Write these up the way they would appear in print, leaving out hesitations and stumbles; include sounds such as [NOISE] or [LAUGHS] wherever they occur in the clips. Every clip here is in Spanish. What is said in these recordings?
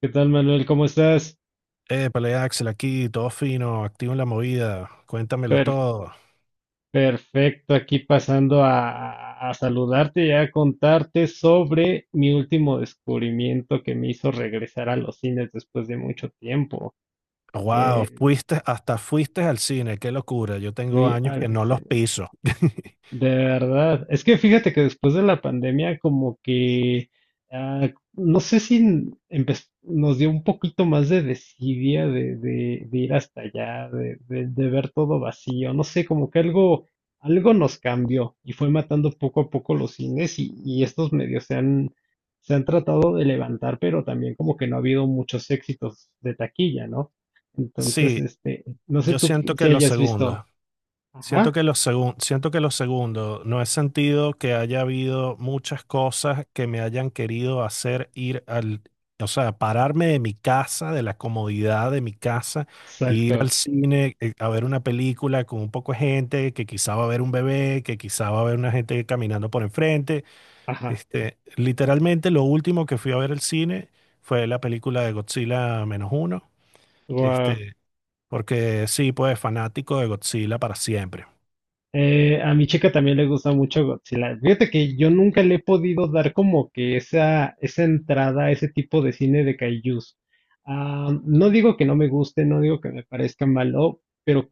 ¿Qué tal, Manuel? ¿Cómo estás? Épale, Axel, aquí, todo fino, activo en la movida, cuéntamelo Per- todo. perfecto, aquí pasando a saludarte y a contarte sobre mi último descubrimiento que me hizo regresar a los cines después de mucho tiempo. Wow, Eh, fuiste, hasta fuiste al cine, qué locura, yo tengo Fui años que al no los cine. piso. [LAUGHS] De verdad, es que fíjate que después de la pandemia como que, no sé si nos dio un poquito más de desidia de ir hasta allá, de ver todo vacío, no sé, como que algo, algo nos cambió y fue matando poco a poco los cines y estos medios se han tratado de levantar, pero también como que no ha habido muchos éxitos de taquilla, ¿no? Entonces, Sí, este, no sé yo tú siento que si los hayas segundos. visto. Ajá, Siento que lo segundo, no he sentido que haya habido muchas cosas que me hayan querido hacer ir al, o sea, pararme de mi casa, de la comodidad de mi casa, e ir al exacto. cine a ver una película con un poco de gente, que quizá va a haber un bebé, que quizá va a haber una gente caminando por enfrente. Ajá. Literalmente lo último que fui a ver al cine fue la película de Godzilla menos uno, Wow. este, porque sí, pues fanático de Godzilla para siempre. A mi chica también le gusta mucho Godzilla. Fíjate que yo nunca le he podido dar como que esa entrada a ese tipo de cine de kaijus. Ah, no digo que no me guste, no digo que me parezca malo, pero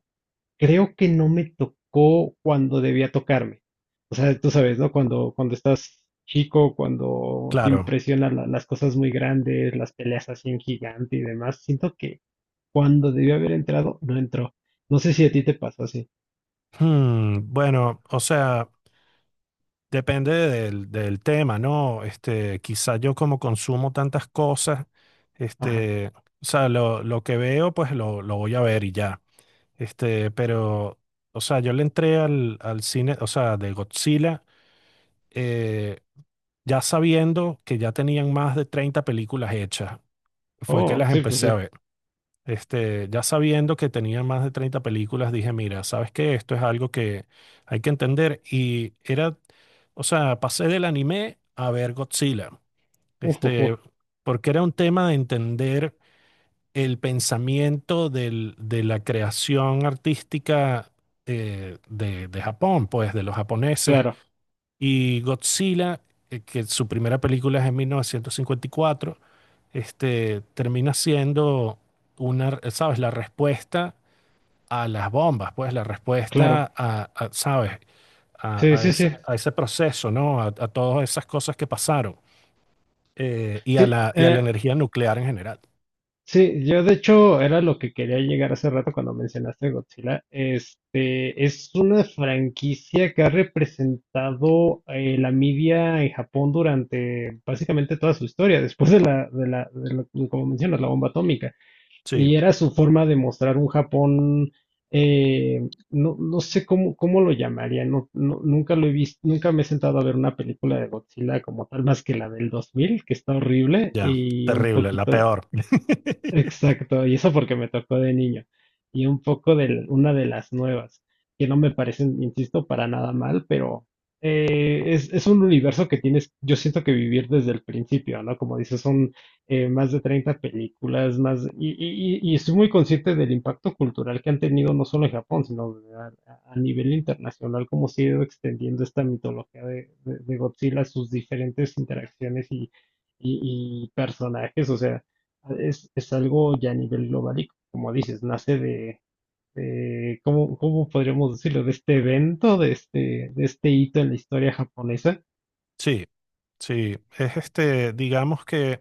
creo que no me tocó cuando debía tocarme. O sea, tú sabes, ¿no? Cuando, cuando estás chico, cuando te Claro. impresionan las cosas muy grandes, las peleas así en gigante y demás, siento que cuando debía haber entrado, no entró. No sé si a ti te pasó así. Bueno, o sea, depende del tema, ¿no? Quizá yo como consumo tantas cosas, Ajá. este, o sea, lo que veo, pues lo voy a ver y ya. Este, pero, o sea, yo le entré al cine, o sea, de Godzilla, eh, ya sabiendo que ya tenían más de 30 películas hechas. Fue que Oh, las sí, pues empecé a sí. ver. Ya sabiendo que tenía más de 30 películas, dije, mira, sabes que esto es algo que hay que entender. Y era, o sea, pasé del anime a ver Godzilla. Uf, uf, uf. Este, Porque era un tema de entender de la creación artística de Japón, pues, de los japoneses. Claro, Y Godzilla, que su primera película es en 1954, termina siendo una, ¿sabes? La respuesta a las bombas, pues la claro. respuesta ¿sabes? Sí, A sí, ese, sí. a ese proceso, ¿no? A todas esas cosas que pasaron Sí, y a la energía nuclear en general. sí, yo de hecho era lo que quería llegar hace rato cuando mencionaste Godzilla. Este es una franquicia que ha representado la media en Japón durante básicamente toda su historia, después de la como mencionas, la bomba atómica. Sí, Y era su forma de mostrar un Japón, no, no sé cómo, cómo lo llamaría, no, nunca lo he visto, nunca me he sentado a ver una película de Godzilla como tal, más que la del 2000, que está horrible, ya, y un terrible, la poquito. peor. [LAUGHS] Exacto, y eso porque me tocó de niño. Y un poco de una de las nuevas, que no me parecen, insisto, para nada mal, pero es un universo que tienes, yo siento que vivir desde el principio, ¿no? Como dices, son más de 30 películas, más, y, y estoy muy consciente del impacto cultural que han tenido no solo en Japón, sino a nivel internacional, cómo se ha ido extendiendo esta mitología de, de Godzilla, sus diferentes interacciones y, y personajes, o sea es algo ya a nivel global y como dices, nace de, ¿cómo, cómo podríamos decirlo? De este evento, de este hito en la historia japonesa. Sí, sí, es digamos que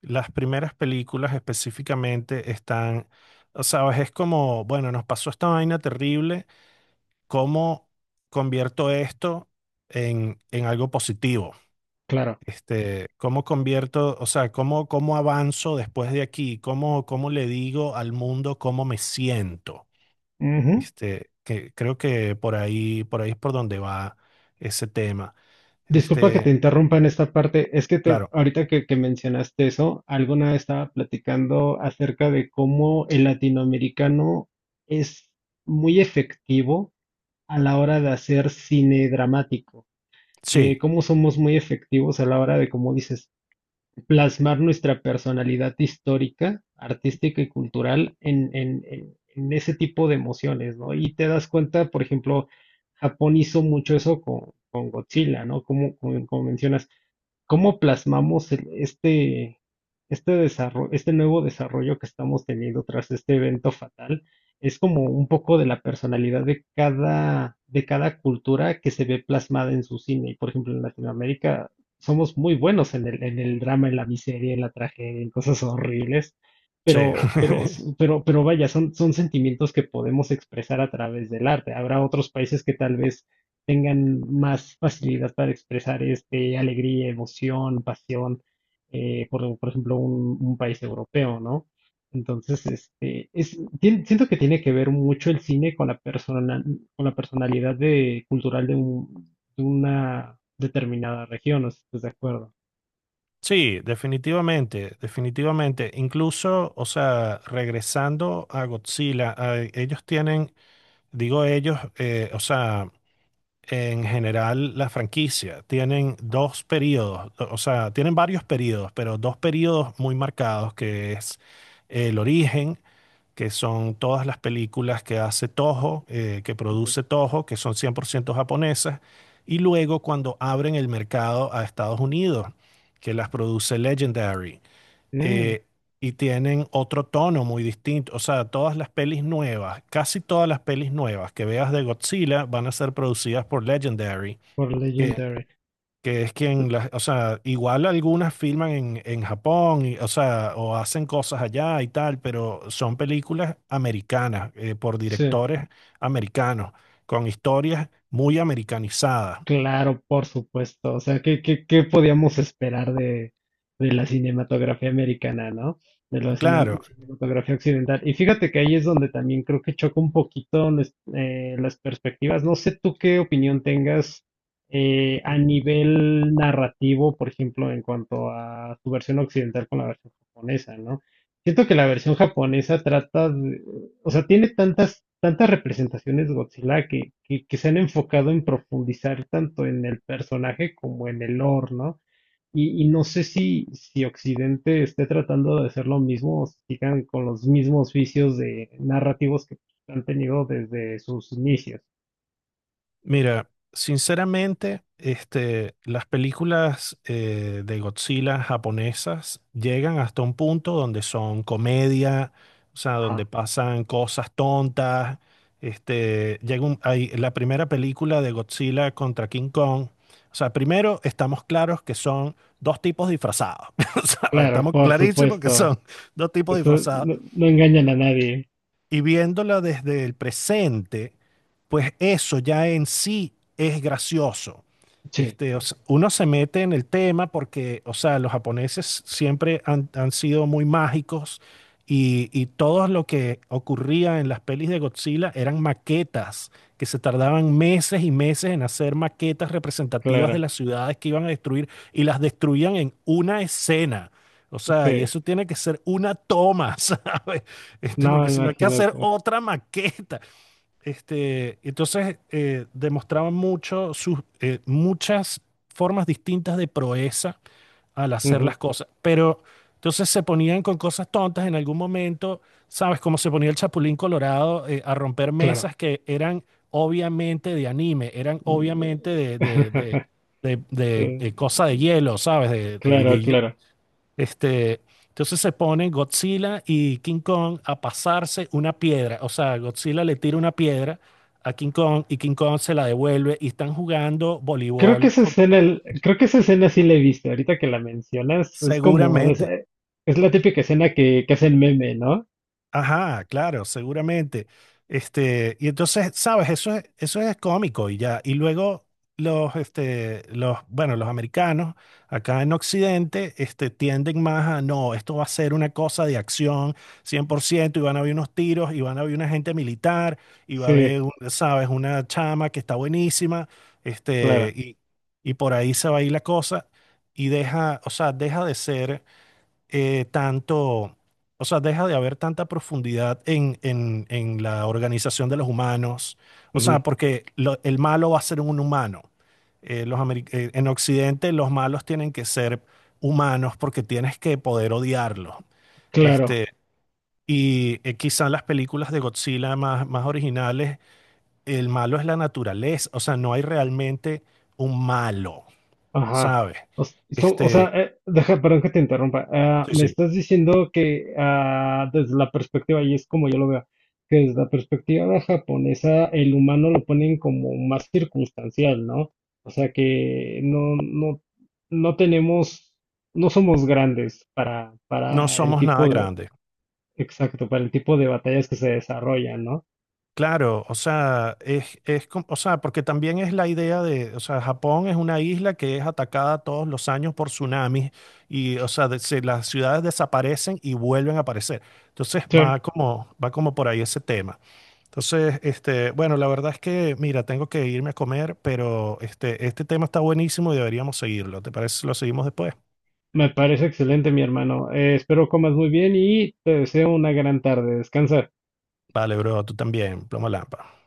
las primeras películas específicamente están, o sabes, es como, bueno, nos pasó esta vaina terrible, ¿cómo convierto esto en algo positivo? Claro. ¿Cómo convierto, o sea, cómo avanzo después de aquí? Cómo le digo al mundo cómo me siento? Ujú. Que creo que por ahí es por donde va ese tema. Disculpa que te Este, interrumpa en esta parte. Es que claro, ahorita que mencionaste eso, alguna vez estaba platicando acerca de cómo el latinoamericano es muy efectivo a la hora de hacer cine dramático. sí, Cómo somos muy efectivos a la hora de, como dices, plasmar nuestra personalidad histórica, artística y cultural en, en ese tipo de emociones, ¿no? Y te das cuenta, por ejemplo, Japón hizo mucho eso con Godzilla, ¿no? Como, como, como mencionas cómo plasmamos este desarrollo, este nuevo desarrollo que estamos teniendo tras este evento fatal, es como un poco de la personalidad de cada cultura que se ve plasmada en su cine. Y por ejemplo, en Latinoamérica somos muy buenos en el drama, en la miseria, en la tragedia, en cosas horribles. sí. Pero, [LAUGHS] pero vaya, son, son sentimientos que podemos expresar a través del arte. Habrá otros países que tal vez tengan más facilidad para expresar este, alegría, emoción, pasión, por ejemplo, un país europeo, ¿no? Entonces, este, siento que tiene que ver mucho el cine con la persona, con la personalidad de, cultural de, de una determinada región, no sé si estás de acuerdo. Sí, definitivamente, definitivamente. Incluso, o sea, regresando a Godzilla, ellos tienen, digo ellos, o sea, en general las franquicias tienen dos periodos, o sea, tienen varios periodos, pero dos periodos muy marcados, que es el origen, que son todas las películas que hace Toho, que Ujú. produce Toho, que son 100% japonesas, y luego cuando abren el mercado a Estados Unidos, que las produce Legendary. Mm. eh, y tienen otro tono muy distinto. O sea, todas las pelis nuevas, casi todas las pelis nuevas que veas de Godzilla van a ser producidas por Legendary Por que, Legendary. que es quien las, o sea, igual algunas filman en Japón, o sea, o hacen cosas allá y tal, pero son películas americanas, por Sí. directores americanos, con historias muy americanizadas. Claro, por supuesto. O sea, ¿qué, qué, qué podíamos esperar de la cinematografía americana, ¿no? De la Claro. cinematografía occidental. Y fíjate que ahí es donde también creo que choca un poquito las perspectivas. No sé tú qué opinión tengas a nivel narrativo, por ejemplo, en cuanto a su versión occidental con la versión japonesa, ¿no? Siento que la versión japonesa trata o sea, tiene tantas, tantas representaciones Godzilla que se han enfocado en profundizar tanto en el personaje como en el lore, ¿no? Y no sé si, si Occidente esté tratando de hacer lo mismo o si sigan con los mismos vicios de narrativos que han tenido desde sus inicios. Mira, sinceramente, las películas de Godzilla japonesas llegan hasta un punto donde son comedia, o sea, donde Ajá. pasan cosas tontas. Hay, la primera película de Godzilla contra King Kong. O sea, primero estamos claros que son dos tipos disfrazados. [LAUGHS] O sea, Claro, estamos por clarísimos que supuesto. son dos tipos Eso disfrazados. no, no engañan a nadie. Y viéndola desde el presente pues eso ya en sí es gracioso. Sí, O sea, uno se mete en el tema porque, o sea, los japoneses siempre han sido muy mágicos y todo lo que ocurría en las pelis de Godzilla eran maquetas que se tardaban meses y meses en hacer maquetas representativas de claro. las ciudades que iban a destruir y las destruían en una escena. O sea, y Sí. eso tiene que ser una toma, [LAUGHS] ¿sabes? Porque No, si no hay que hacer imagínate. otra maqueta. Entonces demostraban mucho sus, muchas formas distintas de proeza al hacer Ujú. las cosas, pero entonces se ponían con cosas tontas en algún momento, ¿sabes? Como se ponía el Chapulín Colorado a romper Claro. mesas que eran obviamente de anime, eran obviamente [LAUGHS] Mm, cosa de eh, hielo, ¿sabes? Claro, claro. este, entonces se ponen Godzilla y King Kong a pasarse una piedra. O sea, Godzilla le tira una piedra a King Kong y King Kong se la devuelve y están jugando Creo que voleibol esa con- escena, creo que esa escena sí la he visto. Ahorita que la mencionas, es como de seguramente. es la típica escena que hacen meme, ¿no? Ajá, claro, seguramente. Y entonces, sabes, eso es cómico y ya. Y luego bueno, los americanos acá en Occidente, tienden más a, no, esto va a ser una cosa de acción 100% y van a haber unos tiros y van a haber una gente militar y va a Sí, haber, sabes, una chama que está buenísima, este, claro. y, y por ahí se va a ir la cosa y deja, o sea, deja de ser eh, tanto, o sea, deja de haber tanta profundidad en la organización de los humanos, o sea, Ujú, porque el malo va a ser un humano. En Occidente los malos tienen que ser humanos porque tienes que poder odiarlos. claro. Este, Quizá en las películas de Godzilla más, más originales, el malo es la naturaleza, o sea, no hay realmente un malo, Ajá. ¿sabes? O sea, Este, deja, perdón que te interrumpa. Sí, Me sí. estás diciendo que desde la perspectiva, y es como yo lo veo, que desde la perspectiva japonesa el humano lo ponen como más circunstancial, ¿no? O sea que no, no, no tenemos, no somos grandes No para el somos nada tipo de, grandes. exacto, para el tipo de batallas que se desarrollan, ¿no? Claro, o sea, o sea, porque también es la idea de, o sea, Japón es una isla que es atacada todos los años por tsunamis y, o sea, las ciudades desaparecen y vuelven a aparecer. Entonces Sí, va como por ahí ese tema. Entonces, bueno, la verdad es que, mira, tengo que irme a comer, pero este tema está buenísimo y deberíamos seguirlo. ¿Te parece si lo seguimos después? me parece excelente, mi hermano. Espero comas muy bien y te deseo una gran tarde. Descansa. Vale, bro, tú también, plomo lámpara.